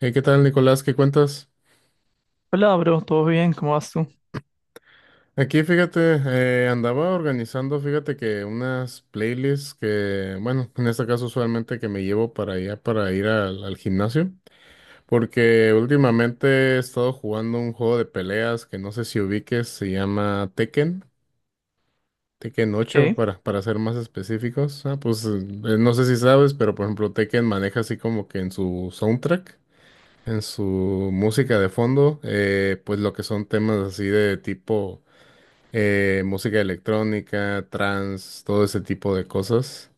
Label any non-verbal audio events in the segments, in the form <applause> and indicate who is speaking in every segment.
Speaker 1: ¿Qué tal, Nicolás? ¿Qué cuentas?
Speaker 2: Hola, bro, ¿todo bien? ¿Cómo vas tú?
Speaker 1: Aquí, fíjate, andaba organizando, fíjate que unas playlists que, bueno, en este caso usualmente que me llevo para allá para ir al gimnasio, porque últimamente he estado jugando un juego de peleas que no sé si ubiques, se llama Tekken ocho
Speaker 2: Qué
Speaker 1: para ser más específicos. Ah, pues no sé si sabes, pero por ejemplo Tekken maneja así como que en su soundtrack, en su música de fondo, pues lo que son temas así de tipo música electrónica, trance, todo ese tipo de cosas.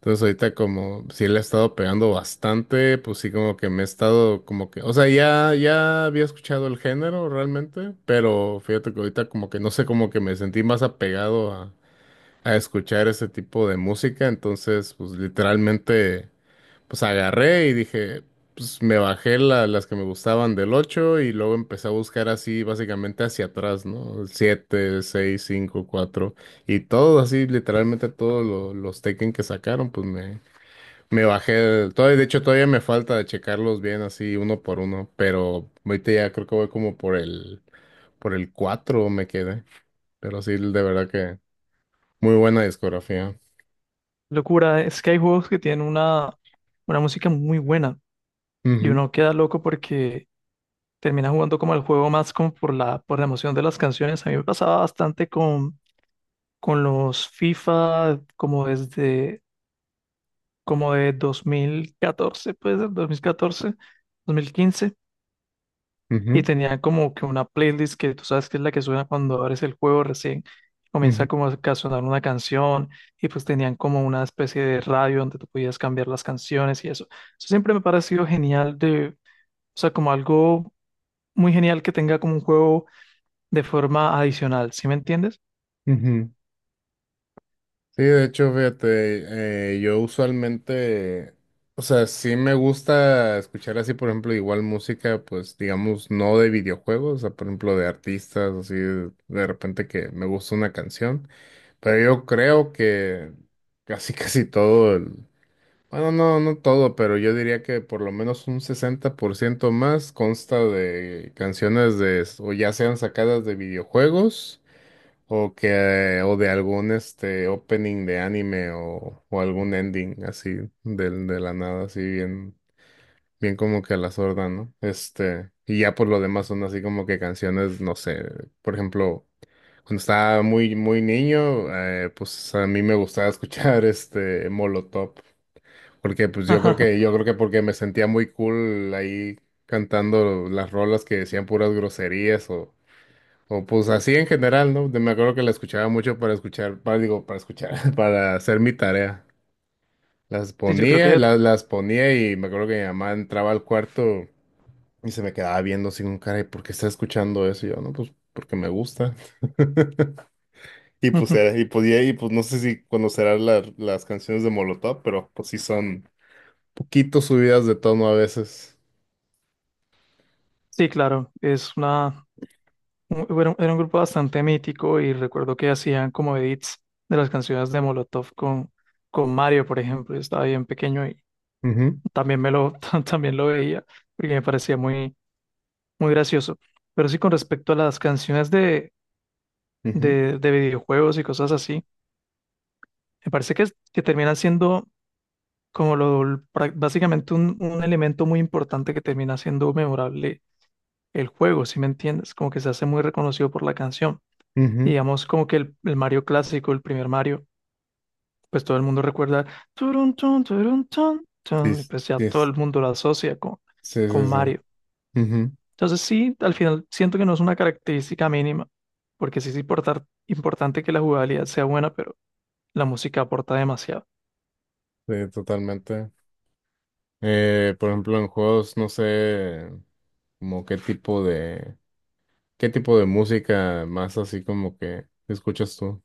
Speaker 1: Entonces ahorita como sí le he estado pegando bastante, pues sí como que me he estado como que, o sea, ya había escuchado el género realmente, pero fíjate que ahorita como que no sé, como que me sentí más apegado a escuchar ese tipo de música, entonces pues literalmente. Pues agarré y dije, pues me bajé las que me gustaban del 8 y luego empecé a buscar así básicamente hacia atrás, ¿no? 7, 6, 5, 4 y todo así, literalmente todos los Tekken que sacaron, pues me bajé, todavía, de hecho todavía me falta de checarlos bien así uno por uno, pero ahorita ya creo que voy como por el 4 me quedé, pero sí, de verdad que muy buena discografía.
Speaker 2: locura, es que hay juegos que tienen una música muy buena y
Speaker 1: Ujú,
Speaker 2: uno queda loco porque termina jugando como el juego más como por la emoción de las canciones. A mí me pasaba bastante con los FIFA como desde como de 2014, puede ser dos mil catorce 2015. Y
Speaker 1: ujú,
Speaker 2: tenía como que una playlist que tú sabes que es la que suena cuando abres el juego recién,
Speaker 1: ujú,
Speaker 2: comienza como a sonar una canción y pues tenían como una especie de radio donde tú podías cambiar las canciones y eso. Eso siempre me ha parecido genial, de, o sea, como algo muy genial que tenga como un juego de forma adicional, ¿sí me entiendes?
Speaker 1: ujú. Sí, de hecho, fíjate, yo usualmente, o sea, sí me gusta escuchar así, por ejemplo, igual música, pues digamos, no de videojuegos, o sea, por ejemplo, de artistas, así, de repente que me gusta una canción, pero yo creo que casi, <laughs> casi todo el, bueno, no, no todo, pero yo diría que por lo menos un 60% más consta de canciones de, o ya sean sacadas de videojuegos. O que, o de algún este opening de anime o algún ending así del de la nada, así bien, bien como que a la sorda, ¿no? Este, y ya por lo demás son así como que canciones, no sé, por ejemplo, cuando estaba muy, muy niño, pues a mí me gustaba escuchar <laughs> este Molotov, porque pues
Speaker 2: <laughs>
Speaker 1: yo creo
Speaker 2: Ajá.
Speaker 1: que, yo creo que porque me sentía muy cool ahí cantando las rolas que decían puras groserías o pues así en general, ¿no? Me acuerdo que la escuchaba mucho para escuchar, para, digo, para escuchar, <laughs> para hacer mi tarea. Las
Speaker 2: Sí, yo creo
Speaker 1: ponía,
Speaker 2: que,
Speaker 1: las ponía y me acuerdo que mi mamá entraba al cuarto y se me quedaba viendo así con cara, ¿y por qué está escuchando eso? Y yo, no, pues porque me gusta. <laughs> Y pues
Speaker 2: <laughs>
Speaker 1: era, y podía, y pues no sé si conocerás las canciones de Molotov, pero pues sí son poquito subidas de tono a veces.
Speaker 2: sí, claro, es una era un grupo bastante mítico y recuerdo que hacían como edits de las canciones de Molotov con Mario, por ejemplo. Yo estaba bien pequeño y
Speaker 1: Ujú,
Speaker 2: también me lo, <laughs> también lo veía porque me parecía muy gracioso. Pero sí, con respecto a las canciones de videojuegos y cosas así, me parece que que terminan siendo como lo, básicamente un elemento muy importante que termina siendo memorable el juego, ¿si me entiendes? Como que se hace muy reconocido por la canción,
Speaker 1: ujú, ujú.
Speaker 2: digamos como que el Mario clásico, el primer Mario, pues todo el mundo recuerda turun, tun,
Speaker 1: Sí,
Speaker 2: tun, y
Speaker 1: sí,
Speaker 2: pues ya todo el mundo lo asocia
Speaker 1: sí, sí,
Speaker 2: con
Speaker 1: sí.
Speaker 2: Mario.
Speaker 1: Ujú,
Speaker 2: Entonces sí, al final siento que no es una característica mínima, porque sí es importante que la jugabilidad sea buena, pero la música aporta demasiado.
Speaker 1: sí, totalmente. Por ejemplo, en juegos, no sé, como qué tipo de música más así como que escuchas tú.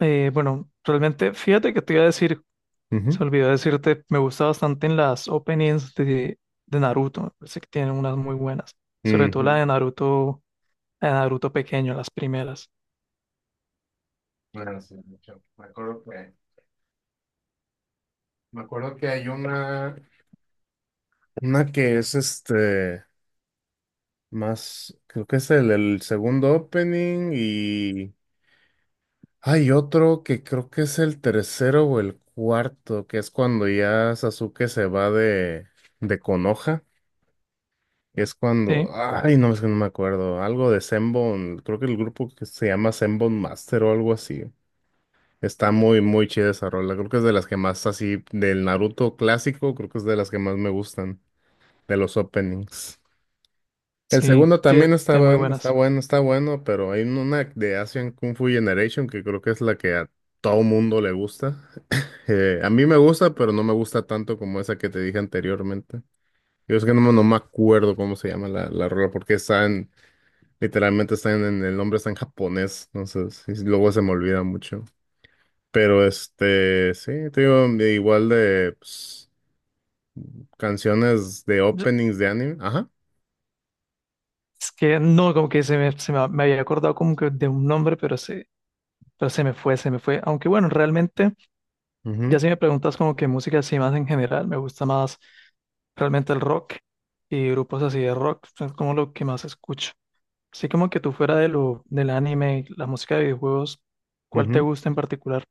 Speaker 2: Bueno, realmente, fíjate que te iba a decir,
Speaker 1: Ujú.
Speaker 2: se olvidó decirte, me gusta bastante en las openings de Naruto, me parece que tienen unas muy buenas, sobre todo la
Speaker 1: Ujú.
Speaker 2: de Naruto a Naruto pequeño, las primeras.
Speaker 1: Bueno sí, mucho. Me acuerdo que hay una que es este, más, creo que es el segundo opening y hay otro que creo que es el tercero o el cuarto, que es cuando ya Sasuke se va de Konoha. Es cuando,
Speaker 2: Sí,
Speaker 1: ay, no, es que no me acuerdo, algo de Zenbone, creo que el grupo que se llama Zenbone Master o algo así. Está muy, muy chida esa rola, creo que es de las que más así, del Naruto clásico, creo que es de las que más me gustan, de los openings. El
Speaker 2: sí,
Speaker 1: segundo también
Speaker 2: tiene,
Speaker 1: está
Speaker 2: tiene muy
Speaker 1: bueno, está
Speaker 2: buenas.
Speaker 1: bueno, está bueno, pero hay una de Asian Kung Fu Generation que creo que es la que a todo mundo le gusta. A mí me gusta, pero no me gusta tanto como esa que te dije anteriormente. Yo es que no, me no me acuerdo cómo se llama la rola, porque está literalmente está el nombre está en japonés, entonces sí, luego se me olvida mucho. Pero este, sí, te digo, de igual de pues, canciones de
Speaker 2: Yo-
Speaker 1: openings de anime. Ajá.
Speaker 2: Es que no, como que me había acordado como que de un nombre, pero pero se me fue. Aunque bueno, realmente, ya si me preguntas como que música así más en general, me gusta más realmente el rock y grupos así de rock, es como lo que más escucho. Así como que tú, fuera de lo, del anime, y la música de videojuegos,
Speaker 1: Ujú,
Speaker 2: ¿cuál
Speaker 1: ujú.
Speaker 2: te gusta en particular?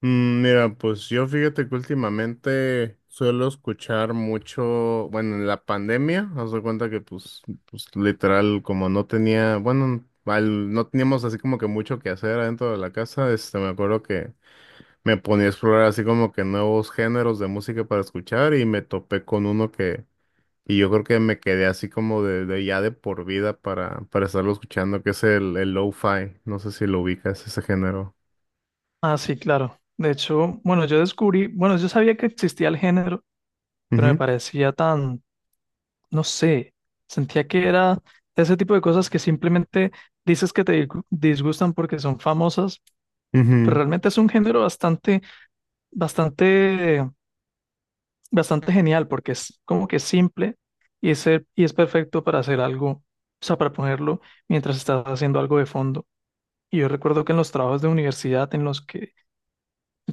Speaker 1: Mm, mira, pues yo fíjate que últimamente suelo escuchar mucho, bueno, en la pandemia, haz de cuenta que pues literal, como no tenía, bueno, no teníamos así como que mucho que hacer adentro de la casa, este, me acuerdo que me ponía a explorar así como que nuevos géneros de música para escuchar y me topé con uno que, y yo creo que me quedé así como de ya de por vida para estarlo escuchando, que es el lo-fi. No sé si lo ubicas, ese género.
Speaker 2: Ah, sí, claro. De hecho, bueno, yo descubrí, bueno, yo sabía que existía el género, pero me
Speaker 1: Ujú,
Speaker 2: parecía tan, no sé, sentía que era ese tipo de cosas que simplemente dices que te disgustan porque son famosas, pero
Speaker 1: ujú,
Speaker 2: realmente es un género bastante, bastante genial porque es como que simple y es, y es perfecto para hacer algo, o sea, para ponerlo mientras estás haciendo algo de fondo. Y yo recuerdo que en los trabajos de universidad en los que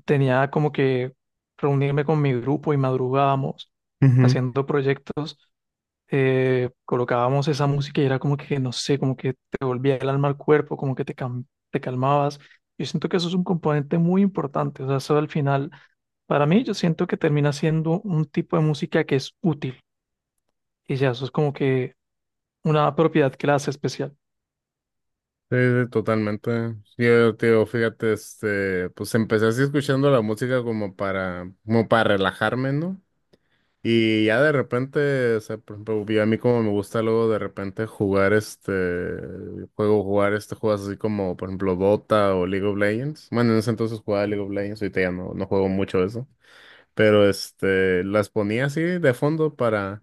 Speaker 2: tenía como que reunirme con mi grupo y madrugábamos
Speaker 1: ujú.
Speaker 2: haciendo proyectos, colocábamos esa música y era como que, no sé, como que te volvía el alma al cuerpo, como que te, te calmabas. Yo siento que eso es un componente muy importante, o sea, eso al final, para mí yo siento que termina siendo un tipo de música que es útil y ya, eso es como que una propiedad que la hace especial.
Speaker 1: Sí, sí, totalmente. Sí, yo te digo, fíjate, este, pues empecé así escuchando la música como para, como para relajarme, ¿no? Y ya de repente, o sea, por ejemplo, yo a mí como me gusta luego de repente jugar este juego, jugar este juegos así como, por ejemplo, Dota o League of Legends. Bueno, en ese entonces jugaba League of Legends, ahorita ya no, no juego mucho eso. Pero este, las ponía así de fondo para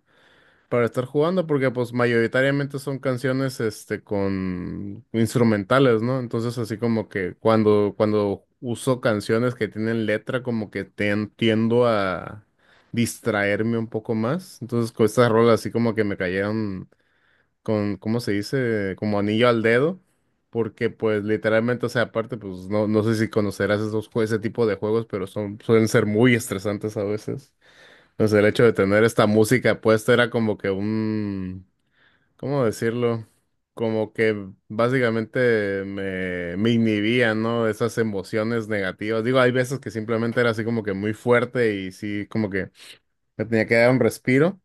Speaker 1: para estar jugando, porque pues mayoritariamente son canciones este con instrumentales, ¿no? Entonces así como que cuando uso canciones que tienen letra, como que tiendo a distraerme un poco más. Entonces con estas rolas así como que me cayeron con, ¿cómo se dice? Como anillo al dedo. Porque pues literalmente, o sea, aparte, pues no, no sé si conocerás esos, ese tipo de juegos, pero son, suelen ser muy estresantes a veces. Pues el hecho de tener esta música puesta era como que un, ¿cómo decirlo? Como que básicamente me inhibía, ¿no? Esas emociones negativas. Digo, hay veces que simplemente era así como que muy fuerte y sí, como que me tenía que dar un respiro,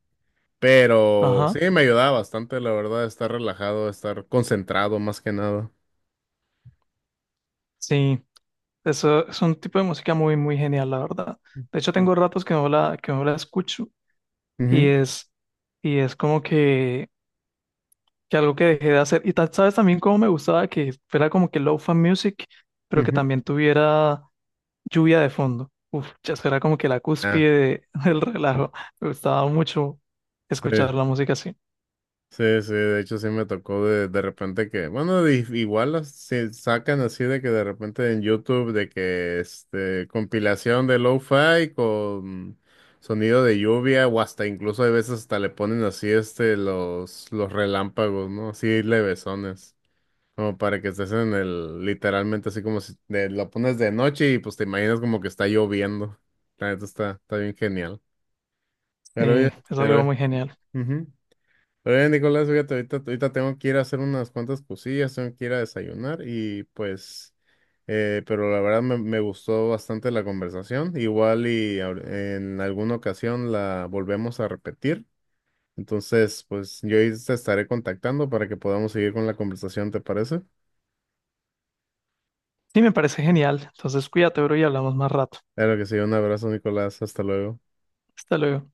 Speaker 1: pero sí
Speaker 2: Ajá,
Speaker 1: me ayudaba bastante, la verdad, estar relajado, estar concentrado más que nada.
Speaker 2: sí, eso es un tipo de música muy genial, la verdad. De hecho,
Speaker 1: Mm.
Speaker 2: tengo ratos que no la escucho y
Speaker 1: Ujú,
Speaker 2: es, y es como que algo que dejé de hacer. Y tal, sabes, también cómo me gustaba que fuera como que low fan music, pero que
Speaker 1: ujú.
Speaker 2: también tuviera lluvia de fondo. Uf, ya eso era como que la
Speaker 1: Ah,
Speaker 2: cúspide <laughs> del relajo. Me gustaba mucho
Speaker 1: sí.
Speaker 2: escuchar la música así.
Speaker 1: Sí, sí, de hecho sí me tocó de repente que, bueno, igual se sacan así de que de repente en YouTube de que este compilación de lo-fi con sonido de lluvia o hasta incluso hay veces hasta le ponen así este los relámpagos, ¿no? Así levesones, como para que estés en el literalmente así como si lo pones de noche y pues te imaginas como que está lloviendo. La neta está bien genial. Pero oye,
Speaker 2: Sí, es
Speaker 1: pero
Speaker 2: algo
Speaker 1: oye.
Speaker 2: muy genial.
Speaker 1: Ujú. Oye, Nicolás, fíjate, ahorita, ahorita tengo que ir a hacer unas cuantas cosillas, tengo que ir a desayunar y pues, pero la verdad me gustó bastante la conversación. Igual y en alguna ocasión la volvemos a repetir. Entonces, pues yo ahí te estaré contactando para que podamos seguir con la conversación, ¿te parece?
Speaker 2: Sí, me parece genial. Entonces cuídate, bro, y hablamos más rato.
Speaker 1: Claro que sí, un abrazo, Nicolás, hasta luego.
Speaker 2: Hasta luego.